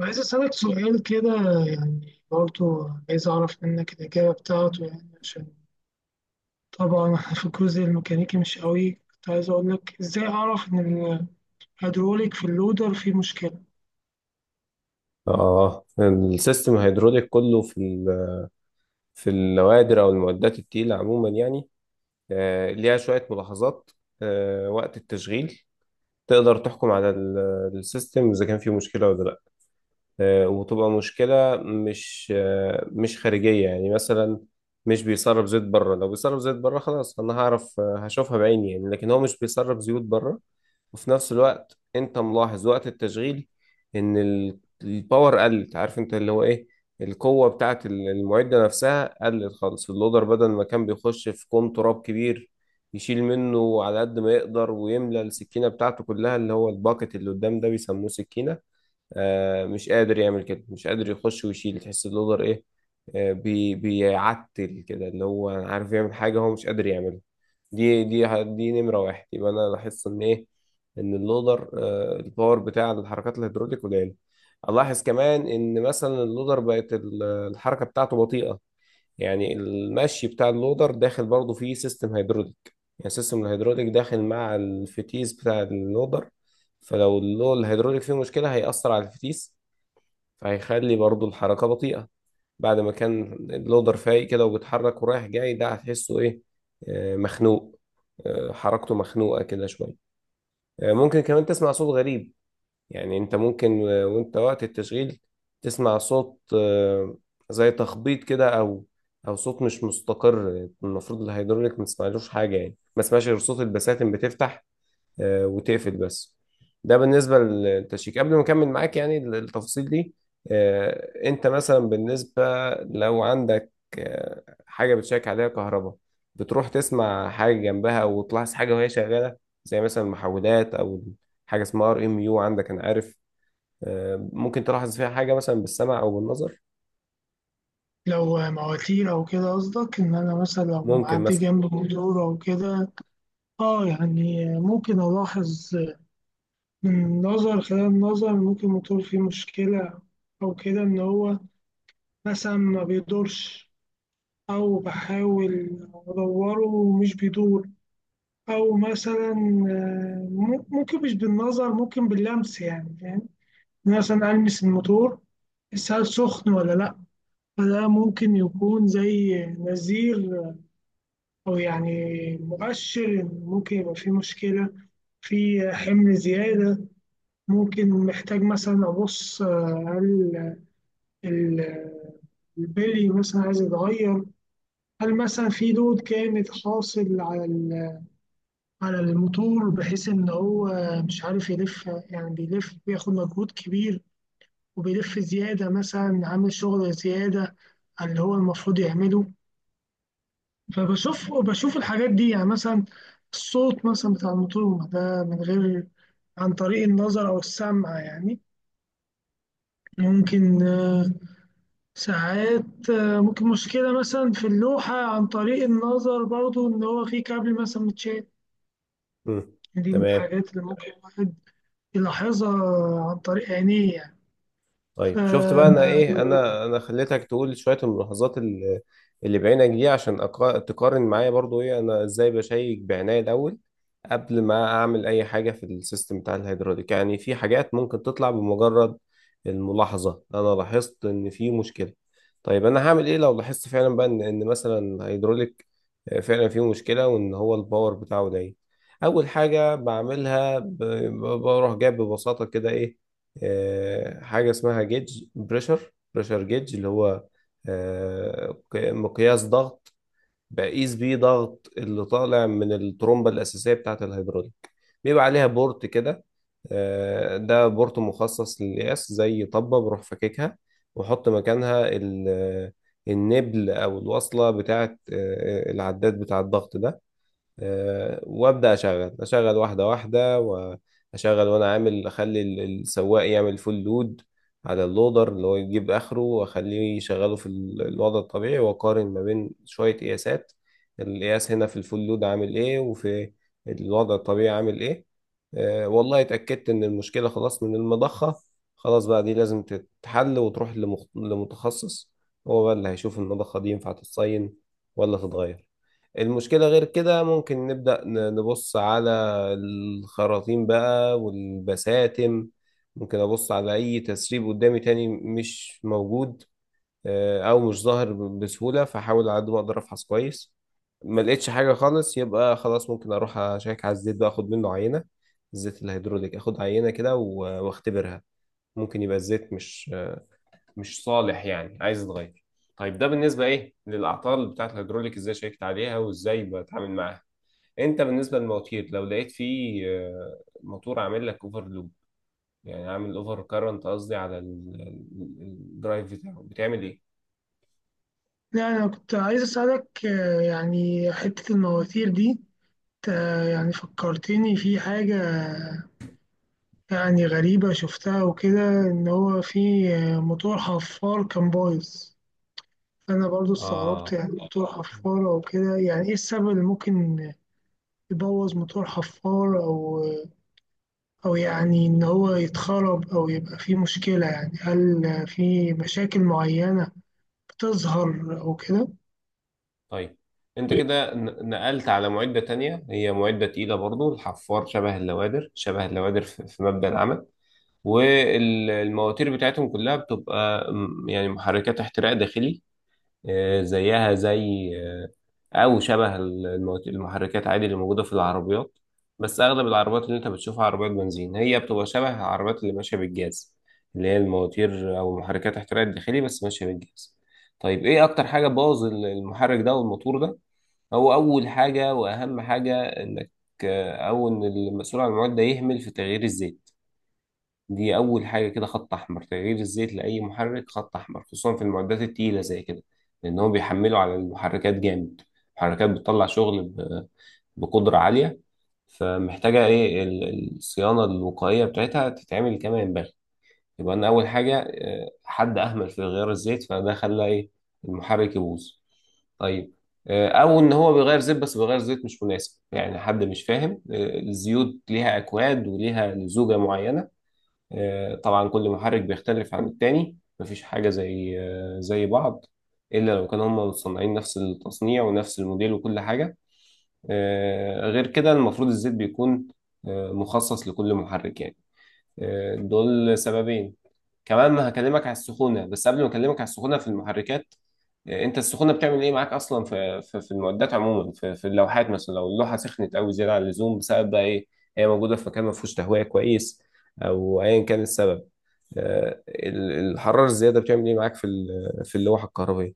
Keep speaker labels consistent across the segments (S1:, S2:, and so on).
S1: عايز أسألك سؤال كده، يعني برضو عايز أعرف منك الإجابة بتاعته، يعني عشان طبعا إحنا في الجزء الميكانيكي مش قوي. كنت عايز أقول لك إزاي أعرف إن الهيدروليك في اللودر فيه مشكلة.
S2: اه، السيستم الهيدروليك كله في في النوادر او المعدات التقيله عموما يعني، ليها شويه ملاحظات. وقت التشغيل تقدر تحكم على السيستم اذا كان فيه مشكله ولا لا، وتبقى مشكله مش مش خارجيه، يعني مثلا مش بيسرب زيت بره. لو بيسرب زيت بره خلاص انا هعرف، هشوفها بعيني يعني، لكن هو مش بيسرب زيوت بره. وفي نفس الوقت انت ملاحظ وقت التشغيل ان الباور قلت، عارف انت اللي هو ايه، القوة بتاعت المعدة نفسها قلت خالص. اللودر بدل ما كان بيخش في كوم تراب كبير يشيل منه على قد ما يقدر ويملى السكينة بتاعته كلها، اللي هو الباكت اللي قدام ده بيسموه سكينة، مش قادر يعمل كده، مش قادر يخش ويشيل. تحس اللودر ايه؟ بيعتل كده، اللي هو عارف يعمل حاجة هو مش قادر يعملها. دي نمرة واحد. يبقى أنا لاحظت إن إيه، إن اللودر الباور بتاع الحركات الهيدروليك قليل. ألاحظ كمان إن مثلا اللودر بقت الحركة بتاعته بطيئة، يعني المشي بتاع اللودر داخل برضه فيه سيستم هيدروليك. يعني سيستم الهيدروليك داخل مع الفتيس بتاع اللودر، فلو الهيدروليك فيه مشكلة هيأثر على الفتيس، فهيخلي برضه الحركة بطيئة. بعد ما كان اللودر فايق كده وبيتحرك ورايح جاي، ده هتحسه ايه؟ مخنوق. حركته مخنوقة كده شوية. ممكن كمان تسمع صوت غريب، يعني انت ممكن وانت وقت التشغيل تسمع صوت، زي تخبيط كده، او صوت مش مستقر. المفروض الهيدروليك ما تسمعلوش حاجه، يعني ما تسمعش غير صوت البساتم بتفتح وتقفل بس. ده بالنسبة للتشيك. قبل ما أكمل معاك يعني التفاصيل دي، أنت مثلا بالنسبة لو عندك حاجة بتشيك عليها كهرباء بتروح تسمع حاجة جنبها وتلاحظ حاجة وهي شغالة، زي مثلا المحولات، أو حاجة اسمها RMU عندك، أنا عارف ممكن تلاحظ فيها حاجة مثلا بالسمع أو بالنظر.
S1: لو مواتير أو كده قصدك إن أنا مثلا لو
S2: ممكن
S1: معدي
S2: مثلا.
S1: جنب موتور أو كده، آه يعني ممكن ألاحظ من نظر، خلال النظر ممكن الموتور فيه مشكلة، أو كده إن هو مثلا ما بيدورش، أو بحاول أدوره ومش بيدور، أو مثلا ممكن مش بالنظر، ممكن باللمس، يعني فاهم، مثلا ألمس الموتور بس هل سخن ولا لأ. فده ممكن يكون زي نذير أو يعني مؤشر إن ممكن يبقى في مشكلة، في حمل زيادة. ممكن محتاج مثلا أبص هل ال- البلي مثلا عايز يتغير، هل مثلا في دود كانت حاصل على ال، على الموتور، بحيث إن هو مش عارف يلف، يعني بيلف بياخد مجهود كبير وبيلف زيادة، مثلا عامل شغل زيادة على اللي هو المفروض يعمله. فبشوف الحاجات دي، يعني مثلا الصوت مثلا بتاع الموتور ده، من غير، عن طريق النظر أو السمع يعني. ممكن ساعات ممكن مشكلة مثلا في اللوحة عن طريق النظر برضو إن هو في كابل مثلا متشال.
S2: مم.
S1: دي من
S2: تمام.
S1: الحاجات اللي ممكن الواحد يلاحظها عن طريق عينيه يعني. ف
S2: طيب شفت بقى انا ايه، انا خليتك تقول شويه الملاحظات اللي بعينك دي عشان تقارن معايا برضو ايه انا ازاي بشيك بعناية الاول قبل ما اعمل اي حاجه في السيستم بتاع الهيدروليك. يعني في حاجات ممكن تطلع بمجرد الملاحظه انا لاحظت ان في مشكله. طيب انا هعمل ايه لو لاحظت فعلا بقى ان مثلا الهيدروليك فعلا فيه مشكله وان هو الباور بتاعه ضعيف؟ اول حاجه بعملها بروح جايب ببساطه كده ايه، حاجة اسمها جيج بريشر، بريشر جيج، اللي هو مقياس ضغط، بقيس بيه ضغط اللي طالع من الترومبة الأساسية بتاعة الهيدروليك. بيبقى عليها بورت كده، ده بورت مخصص للقياس زي طبة، بروح فككها وأحط مكانها النبل أو الوصلة بتاعة العداد بتاع الضغط ده. وابدا اشغل، واحده واحده، واشغل وانا عامل، اخلي السواق يعمل فول لود على اللودر اللي هو يجيب اخره، واخليه يشغله في الوضع الطبيعي واقارن ما بين شويه قياسات. القياس هنا في الفول لود عامل ايه، وفي الوضع الطبيعي عامل ايه. والله اتاكدت ان المشكله خلاص من المضخه، خلاص بقى دي لازم تتحل وتروح لمتخصص. هو بقى اللي هيشوف المضخه دي ينفع تتصين ولا تتغير. المشكلة غير كده ممكن نبدأ نبص على الخراطيم بقى والبساتم. ممكن أبص على أي تسريب قدامي، تاني مش موجود أو مش ظاهر بسهولة، فحاول على قد ما أقدر أفحص كويس. ما لقيتش حاجة خالص يبقى خلاص، ممكن أروح أشيك على الزيت بقى، أخد منه عينة، الزيت الهيدروليك أخد عينة كده وأختبرها. ممكن يبقى الزيت مش صالح يعني عايز يتغير. طيب ده بالنسبة إيه للأعطال بتاعة الهيدروليك، إزاي شيكت عليها وإزاي بتعامل معاها. انت بالنسبه للمواتير لو لقيت فيه موتور عامل لك اوفر لوب، يعني عامل اوفر كارنت قصدي على الدرايف بتاعه، بتعمل ايه؟
S1: يعني أنا كنت عايز أسألك، يعني حتة المواتير دي، انت يعني فكرتني في حاجة يعني غريبة شفتها وكده، إن هو في موتور حفار كان بايظ. فأنا برضو استغربت،
S2: اه.
S1: يعني موتور حفار أو كده، يعني إيه السبب اللي ممكن يبوظ موتور حفار، أو أو يعني إن هو يتخرب أو يبقى فيه مشكلة؟ يعني هل في مشاكل معينة بتظهر أو كده؟
S2: طيب انت كده نقلت على معدة تانية، هي معدة تقيلة برضو، الحفار شبه اللوادر، شبه اللوادر في مبدأ العمل. والمواتير بتاعتهم كلها بتبقى يعني محركات احتراق داخلي، زيها زي او شبه المحركات عادي اللي موجوده في العربيات. بس اغلب العربيات اللي انت بتشوفها عربيات بنزين، هي بتبقى شبه العربيات اللي ماشيه بالجاز، اللي هي المواتير او محركات احتراق الداخلي بس ماشيه بالجاز. طيب ايه اكتر حاجه بوظ المحرك ده والموتور ده؟ هو اول حاجه واهم حاجه انك او ان المسؤول عن المعدة يهمل في تغيير الزيت. دي أول حاجة كده، خط أحمر، تغيير الزيت لأي محرك خط أحمر، خصوصا في المعدات التقيلة زي كده، لأن هم بيحملوا على المحركات جامد. المحركات بتطلع شغل بقدرة عالية، فمحتاجة إيه الصيانة الوقائية بتاعتها تتعمل كما ينبغي. يبقى أنا أول حاجة حد أهمل في غيار الزيت، فده خلى إيه، المحرك يبوظ. طيب او ان هو بيغير زيت، بس بيغير زيت مش مناسب، يعني حد مش فاهم. الزيوت ليها اكواد وليها لزوجة معينة. طبعا كل محرك بيختلف عن التاني، مفيش حاجة زي زي بعض، إلا لو كانوا هم مصنعين نفس التصنيع ونفس الموديل وكل حاجة. غير كده المفروض الزيت بيكون مخصص لكل محرك يعني. دول سببين. كمان هكلمك على السخونة، بس قبل ما أكلمك على السخونة في المحركات، أنت السخونة بتعمل إيه معاك أصلا في المعدات عموما، في اللوحات، مثلا لو اللوحة سخنت أوي زيادة عن اللزوم، بسبب بقى إيه، هي موجودة في مكان ما فيهوش تهوية كويس أو أيا كان السبب. الحرارة الزيادة بتعمل ايه معاك في في اللوحة الكهربية؟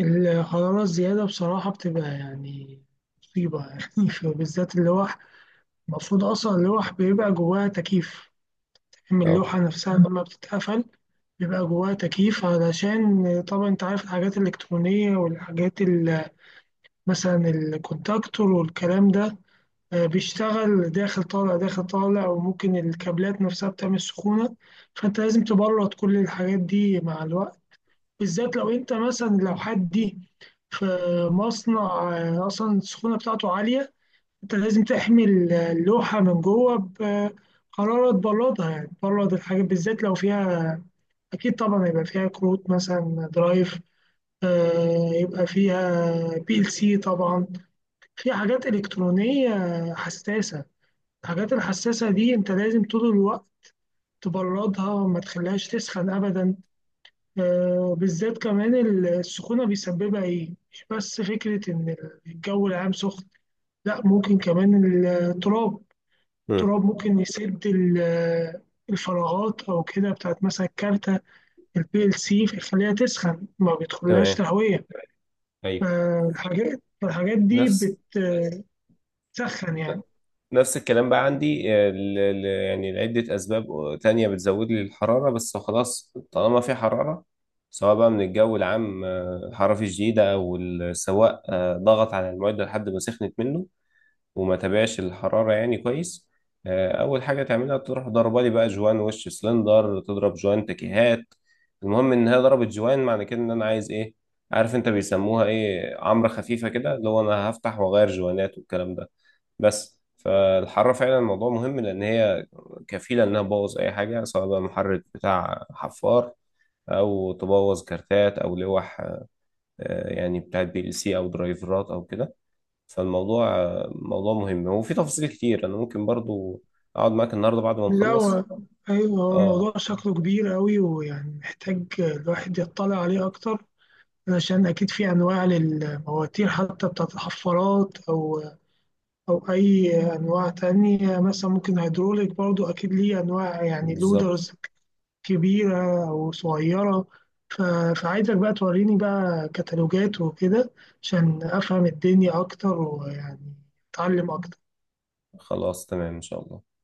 S1: الحرارة الزيادة بصراحة بتبقى يعني مصيبة يعني بالذات اللوح. المفروض أصلا اللوح بيبقى جواها تكييف، من
S2: اه.
S1: اللوحة نفسها لما بتتقفل بيبقى جواها تكييف، علشان طبعا أنت عارف الحاجات الإلكترونية مثلا الكونتاكتور والكلام ده، بيشتغل داخل طالع داخل طالع، وممكن الكابلات نفسها بتعمل سخونة. فأنت لازم تبرد كل الحاجات دي مع الوقت، بالذات لو انت مثلا، لو حد دي في مصنع اصلا السخونه بتاعته عاليه. انت لازم تحمي اللوحه من جوه بحراره، تبردها، يعني تبرد الحاجات، بالذات لو فيها، اكيد طبعا يبقى فيها كروت مثلا درايف، يبقى فيها PLC طبعا، في حاجات الكترونيه حساسه. الحاجات الحساسه دي انت لازم طول الوقت تبردها، ما تخليهاش تسخن ابدا. بالذات كمان السخونة بيسببها إيه؟ مش بس فكرة إن الجو العام سخن، لأ ممكن كمان التراب،
S2: مم.
S1: التراب ممكن يسد الفراغات أو كده بتاعت مثلا الكارتة البي ال سي، فيخليها تسخن، ما بيدخلهاش
S2: تمام.
S1: تهوية،
S2: ايوه.
S1: فالحاجات دي
S2: نفس
S1: بتسخن يعني.
S2: نفس الكلام بقى عندي، يعني لعدة أسباب تانية بتزود لي الحرارة. بس خلاص طالما في حرارة، سواء بقى من الجو العام حرارة شديدة، أو السواق ضغط على المعدة لحد ما سخنت منه وما تابعش الحرارة يعني كويس، أول حاجة تعملها تروح ضربة لي بقى جوان وش سلندر، تضرب جوان تكيهات. المهم إن هي ضربت جوان، معنى كده إن أنا عايز إيه، عارف أنت بيسموها إيه، عمرة خفيفة كده، اللي هو أنا هفتح وأغير جوانات والكلام ده. بس فالحرارة فعلا الموضوع مهم، لأن هي كفيلة إنها تبوظ أي حاجة، سواء بقى محرك بتاع حفار، أو تبوظ كارتات أو لوح يعني بتاعت PLC أو درايفرات أو كده. فالموضوع موضوع مهم، وفي تفاصيل كتير انا ممكن برضو اقعد معاك النهارده بعد ما
S1: لا هو،
S2: نخلص.
S1: أيوه هو
S2: اه.
S1: الموضوع شكله كبير أوي، ويعني محتاج الواحد يطلع عليه أكتر، علشان أكيد في أنواع للمواتير، حتى بتاعت الحفارات، أو أو أي أنواع تانية، مثلا ممكن هيدروليك برضو أكيد ليه أنواع، يعني
S2: بالظبط.
S1: لودرز كبيرة أو صغيرة. ف- فعايزك بقى توريني بقى كتالوجات وكده، عشان أفهم الدنيا أكتر، ويعني أتعلم أكتر.
S2: خلاص تمام ان شاء الله.